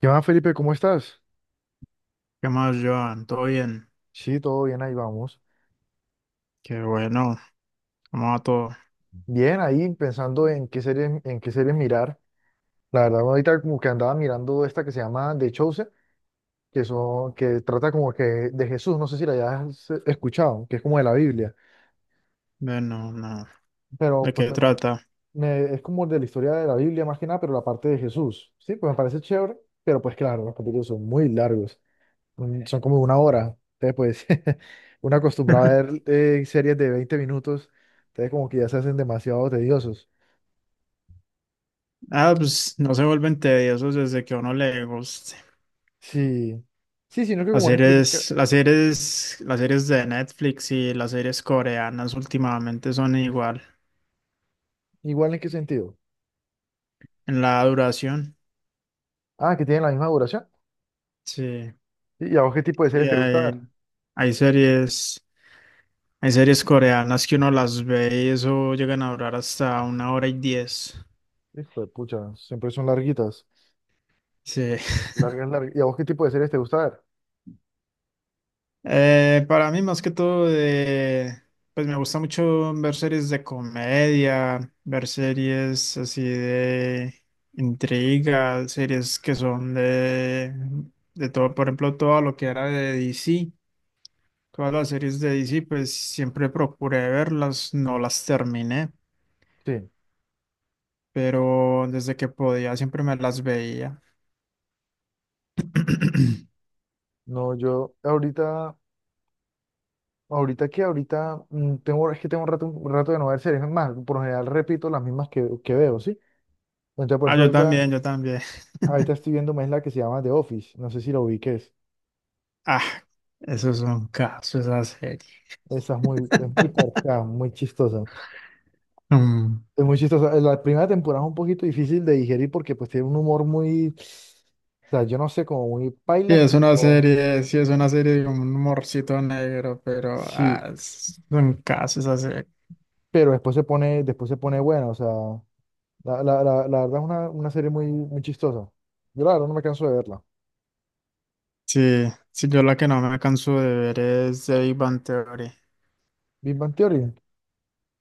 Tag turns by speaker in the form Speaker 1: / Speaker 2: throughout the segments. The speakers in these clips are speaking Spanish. Speaker 1: ¿Qué más, Felipe? ¿Cómo estás?
Speaker 2: ¿Qué más, Joan? ¿Todo bien?
Speaker 1: Sí, todo bien, ahí vamos.
Speaker 2: Qué bueno. ¿Cómo va todo?
Speaker 1: Bien, ahí pensando en qué series mirar. La verdad, ahorita como que andaba mirando esta que se llama The Chosen, que, son, que trata como que de Jesús, no sé si la hayas escuchado, que es como de la Biblia,
Speaker 2: Bueno, no.
Speaker 1: pero
Speaker 2: ¿De
Speaker 1: pues
Speaker 2: qué trata?
Speaker 1: es como de la historia de la Biblia más que nada, pero la parte de Jesús. Sí, pues me parece chévere, pero pues claro, los capítulos son muy largos, son como 1 hora. Entonces, pues, uno acostumbrado a ver series de 20 minutos, entonces como que ya se hacen demasiado tediosos.
Speaker 2: Ah, pues no se vuelven tediosos desde que a uno le guste.
Speaker 1: Sí, sí, sino que como es el
Speaker 2: Las series de Netflix y las series coreanas últimamente son igual
Speaker 1: igual en qué sentido.
Speaker 2: en la duración.
Speaker 1: Ah, que tienen la misma duración.
Speaker 2: Sí,
Speaker 1: ¿Y a vos qué tipo de
Speaker 2: sí,
Speaker 1: series te gusta ver?
Speaker 2: hay series, hay series coreanas que uno las ve y eso llegan a durar hasta 1 hora y 10.
Speaker 1: Hijo de pucha, siempre son larguitas.
Speaker 2: Sí.
Speaker 1: Largas, largas. ¿Y a vos qué tipo de series te gusta ver?
Speaker 2: Para mí, más que todo, pues me gusta mucho ver series de comedia, ver series así de intriga, series que son de todo. Por ejemplo, todo lo que era de DC, todas las series de DC, pues siempre procuré verlas, no las terminé,
Speaker 1: Sí.
Speaker 2: pero desde que podía siempre me las veía.
Speaker 1: No, ahorita tengo, es que tengo un rato de no ver series. Es más, por lo general repito las mismas que veo, ¿sí? Entonces, por
Speaker 2: Ah,
Speaker 1: ejemplo,
Speaker 2: yo también, yo también.
Speaker 1: ahorita estoy viendo más la que se llama The Office. No sé si lo ubiques.
Speaker 2: Ah, eso es un caso, esa serie.
Speaker 1: Es muy parca, muy chistosa.
Speaker 2: Mm.
Speaker 1: Es muy chistoso. La primera temporada es un poquito difícil de digerir porque pues tiene un o sea, yo no sé, como muy
Speaker 2: Sí,
Speaker 1: paila,
Speaker 2: es una
Speaker 1: pero
Speaker 2: serie, sí es una serie con un humorcito negro, pero
Speaker 1: sí,
Speaker 2: ah, es un caso esa serie.
Speaker 1: pero después se pone buena, o sea, la verdad es una serie muy chistosa. Yo la verdad no me canso de verla.
Speaker 2: Sí, sí, yo la que no me canso de ver es The Big Bang Theory.
Speaker 1: Big Bang Theory,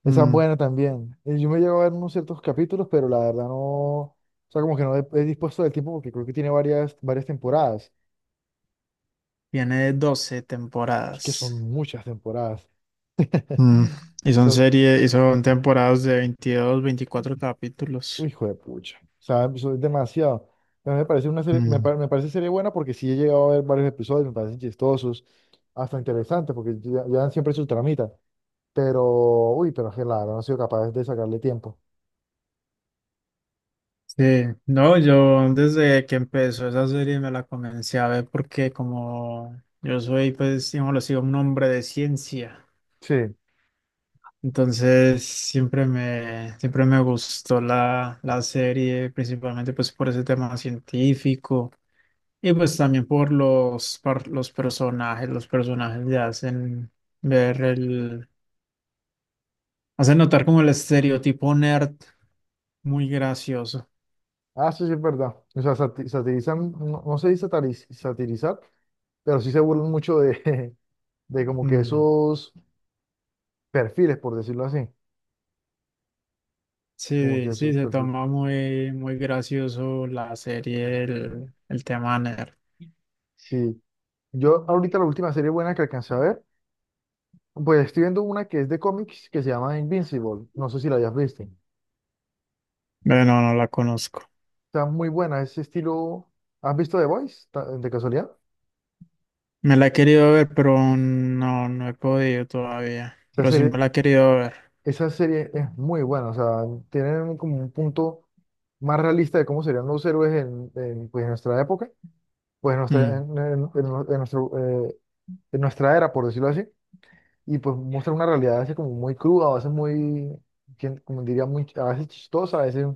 Speaker 1: esa es
Speaker 2: Mm.
Speaker 1: buena también. Yo me llevo a ver unos ciertos capítulos, pero la verdad no, o sea, como que no he, he dispuesto del tiempo porque creo que tiene varias temporadas.
Speaker 2: Tiene 12
Speaker 1: Es que son
Speaker 2: temporadas.
Speaker 1: muchas temporadas.
Speaker 2: Mm. Y son
Speaker 1: Son
Speaker 2: series, y son temporadas de 22, 24 capítulos.
Speaker 1: Hijo de pucha. O sea, eso es demasiado. A mí me parece una
Speaker 2: Mm.
Speaker 1: me parece serie buena porque sí he llegado a ver varios episodios, me parecen chistosos, hasta interesantes, porque llevan siempre su tramita. Pero, uy, pero que claro, no han sido capaces de sacarle tiempo.
Speaker 2: Sí, no, yo desde que empezó esa serie me la comencé a ver porque como yo soy, pues, digamos, lo sigo un hombre de ciencia.
Speaker 1: Sí,
Speaker 2: Entonces siempre me gustó la serie, principalmente pues por ese tema científico y pues también por los personajes. Los personajes le hacen ver hacen notar como el estereotipo nerd muy gracioso.
Speaker 1: ah, eso sí es verdad. O sea, satirizan, no, no se dice satirizar, pero sí se burlan mucho de, de como que
Speaker 2: Mm.
Speaker 1: esos perfiles, por decirlo así. Como que
Speaker 2: Sí, sí,
Speaker 1: esos
Speaker 2: se
Speaker 1: perfiles.
Speaker 2: toma muy, muy gracioso la serie, el tema nerd.
Speaker 1: Sí. Yo ahorita la última serie buena que alcancé a ver. Pues estoy viendo una que es de cómics que se llama Invincible. No sé si la hayas visto.
Speaker 2: Bueno, no la conozco.
Speaker 1: Está muy buena, ese estilo. ¿Has visto The Voice de casualidad?
Speaker 2: Me la he querido ver, pero no, no he podido todavía.
Speaker 1: Esa
Speaker 2: Pero sí
Speaker 1: serie,
Speaker 2: me la he querido ver.
Speaker 1: esa serie es muy buena. O sea, tienen como un punto más realista de cómo serían los héroes pues, en nuestra época, pues en nuestra,
Speaker 2: Mm.
Speaker 1: en nuestro, eh, en nuestra era, por decirlo así. Y pues muestra una realidad así como muy cruda, quien- como diría, muy, a veces chistosa,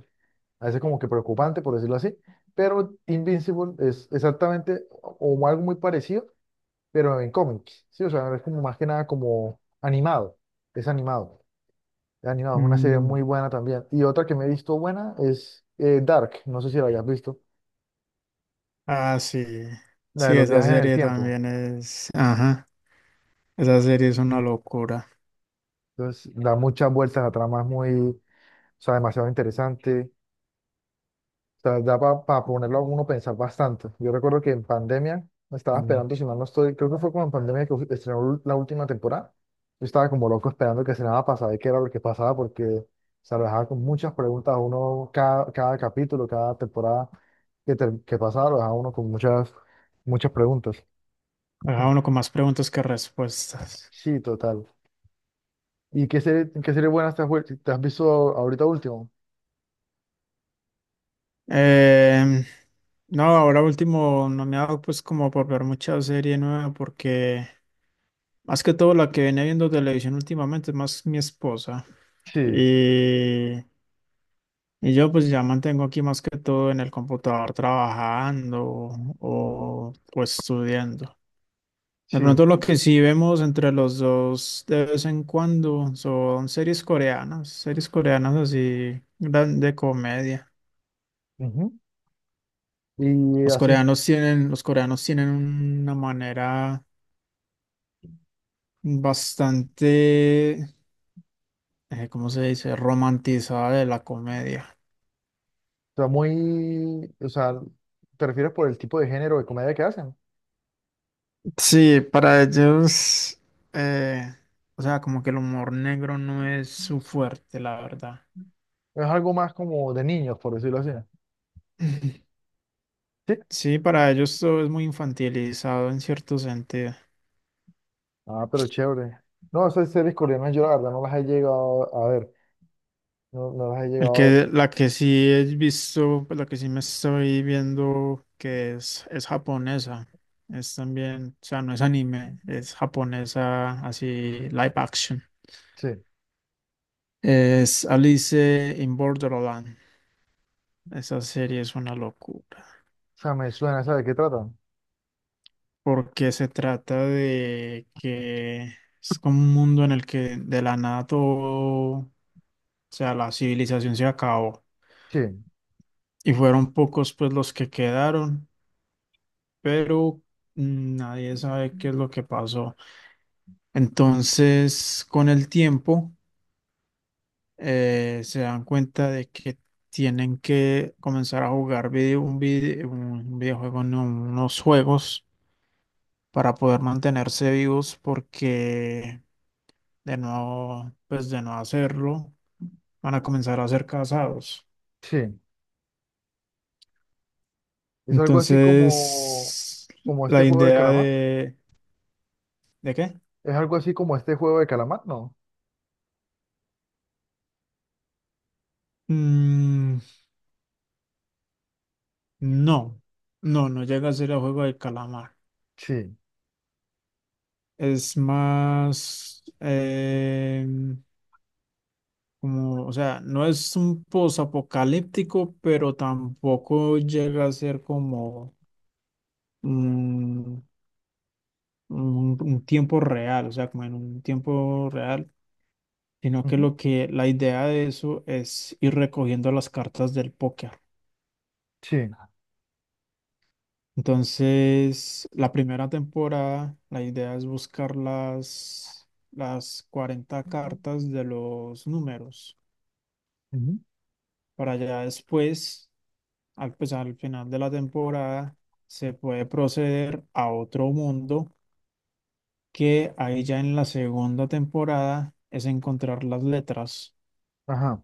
Speaker 1: a veces como que preocupante, por decirlo así, pero Invincible es exactamente o algo muy parecido, pero en cómics, ¿sí? O sea, es como más que nada como animado, es animado, es animado, es una serie
Speaker 2: Mm.
Speaker 1: muy buena también. Y otra que me he visto buena es Dark, no sé si la hayas visto,
Speaker 2: Ah, sí.
Speaker 1: la
Speaker 2: Sí,
Speaker 1: de los
Speaker 2: esa
Speaker 1: viajes en el
Speaker 2: serie
Speaker 1: tiempo.
Speaker 2: también es. Ajá. Esa serie es una locura.
Speaker 1: Entonces da muchas vueltas a tramas muy, o sea, demasiado interesante sea, da para ponerlo a uno a pensar bastante. Yo recuerdo que en pandemia me estaba
Speaker 2: Mm.
Speaker 1: esperando, si mal no estoy, creo que fue como en pandemia que estrenó la última temporada. Yo estaba como loco esperando que estrenara para saber qué era lo que pasaba, porque se lo dejaba con muchas preguntas a uno cada capítulo, cada temporada que pasaba, lo dejaba uno con muchas preguntas.
Speaker 2: Deja
Speaker 1: Mm.
Speaker 2: uno con más preguntas que respuestas.
Speaker 1: Sí, total. ¿Y qué qué serie buena te has visto ahorita último?
Speaker 2: Em, no, ahora último, no me ha dado pues como por ver mucha serie nueva porque más que todo la que viene viendo televisión últimamente es más mi esposa.
Speaker 1: Sí,
Speaker 2: Y. Y yo pues ya mantengo aquí más que todo en el computador trabajando o estudiando. De
Speaker 1: sí.
Speaker 2: pronto lo que sí vemos entre los dos de vez en cuando son series coreanas así gran- de comedia.
Speaker 1: Ujú. Y así
Speaker 2: Los coreanos tienen una manera bastante, ¿cómo se dice?, romantizada de la comedia.
Speaker 1: sea, muy, o sea, ¿te refieres por el tipo de género de comedia que hacen?
Speaker 2: Sí, para ellos, eh, o sea, como que el humor negro no es su fuerte, la verdad.
Speaker 1: Es algo más como de niños, por decirlo así. Sí.
Speaker 2: Sí, para ellos todo es muy infantilizado en cierto sentido.
Speaker 1: Ah, pero chévere. No, esas series coreanas yo la verdad no las he llegado a ver. No, no las he llegado a ver.
Speaker 2: La que sí he visto, pues, la que sí me estoy viendo, que es japonesa. Es también, o sea, no es anime, es japonesa, así, live action.
Speaker 1: Sí. O
Speaker 2: Es Alice in Borderland. Esa serie es una locura,
Speaker 1: sea, me suena, ¿sabes de qué tratan?
Speaker 2: porque se trata de que es como un mundo en el que de la nada todo, o sea, la civilización se acabó
Speaker 1: Sí,
Speaker 2: y fueron pocos pues los que quedaron, pero nadie sabe qué es lo que pasó. Entonces, con el tiempo, se dan cuenta de que tienen que comenzar a jugar un videojuego, no, unos juegos para poder mantenerse vivos porque de no, pues de no hacerlo, van a comenzar a ser casados.
Speaker 1: sí. Es algo así como,
Speaker 2: Entonces,
Speaker 1: como este
Speaker 2: la
Speaker 1: juego del
Speaker 2: idea
Speaker 1: calamar.
Speaker 2: de... ¿De qué?
Speaker 1: Es algo así como este juego del calamar, ¿no?
Speaker 2: Mm, no, no llega a ser el juego del calamar.
Speaker 1: Sí.
Speaker 2: Es más como, o sea, no es un posapocalíptico, pero tampoco llega a ser como mm, un tiempo real, o sea, como en un tiempo real, sino que
Speaker 1: Ujú.
Speaker 2: lo que la idea de eso es ir recogiendo las cartas del póker.
Speaker 1: Sí.
Speaker 2: Entonces, la primera temporada, la idea es buscar las 40 cartas de los números.
Speaker 1: Ujú.
Speaker 2: Para ya después, pues, al final de la temporada, se puede proceder a otro mundo, que ahí ya en la segunda temporada es encontrar las letras
Speaker 1: Ajá.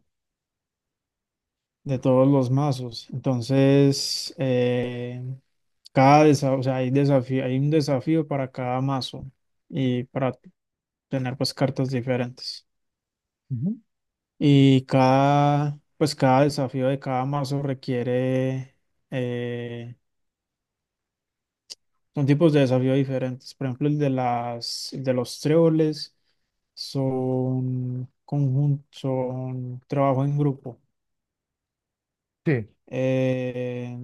Speaker 2: de todos los mazos. Entonces, o sea, hay desafío, hay un desafío para cada mazo y para tener pues cartas diferentes.
Speaker 1: Ujú.
Speaker 2: Y cada, pues cada desafío de cada mazo requiere, eh, son tipos de desafío diferentes. Por ejemplo, el de los tréboles son conjunto, son trabajo en grupo.
Speaker 1: Sí.
Speaker 2: Eh,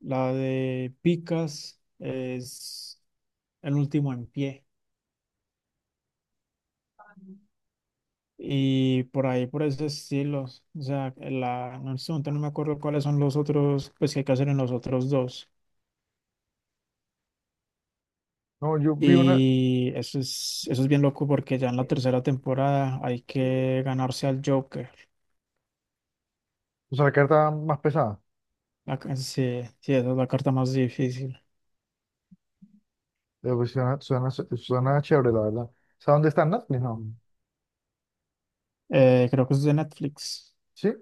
Speaker 2: la de Picas es el último en pie. Y por ahí, por ese estilo. O sea, en este momento no me acuerdo cuáles son los otros, pues que hay que hacer en los otros dos.
Speaker 1: No, yo vi una,
Speaker 2: Y eso es bien loco porque ya en la tercera temporada hay que ganarse al Joker.
Speaker 1: o sea, la carta más pesada.
Speaker 2: La ca- sí, sí, esa es la carta más difícil.
Speaker 1: Pues suena chévere, la verdad. ¿Sabes dónde están Netflix? No.
Speaker 2: Mm. Creo que es de Netflix.
Speaker 1: ¿Sí?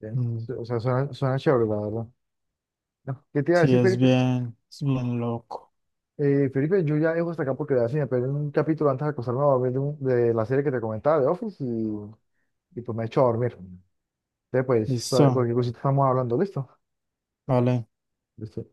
Speaker 1: Bien.
Speaker 2: Mm.
Speaker 1: O sea, suena chévere, la verdad. No. ¿Qué te iba a
Speaker 2: Sí,
Speaker 1: decir, Felipe?
Speaker 2: es bien loco.
Speaker 1: Felipe, yo ya dejo hasta acá porque así me perdí un capítulo antes de acostarme a dormir de la serie que te comentaba, de Office, y pues me he hecho a dormir. Entonces, pues,
Speaker 2: Listo,
Speaker 1: cualquier cosita estamos hablando, ¿listo?
Speaker 2: vale.
Speaker 1: Listo.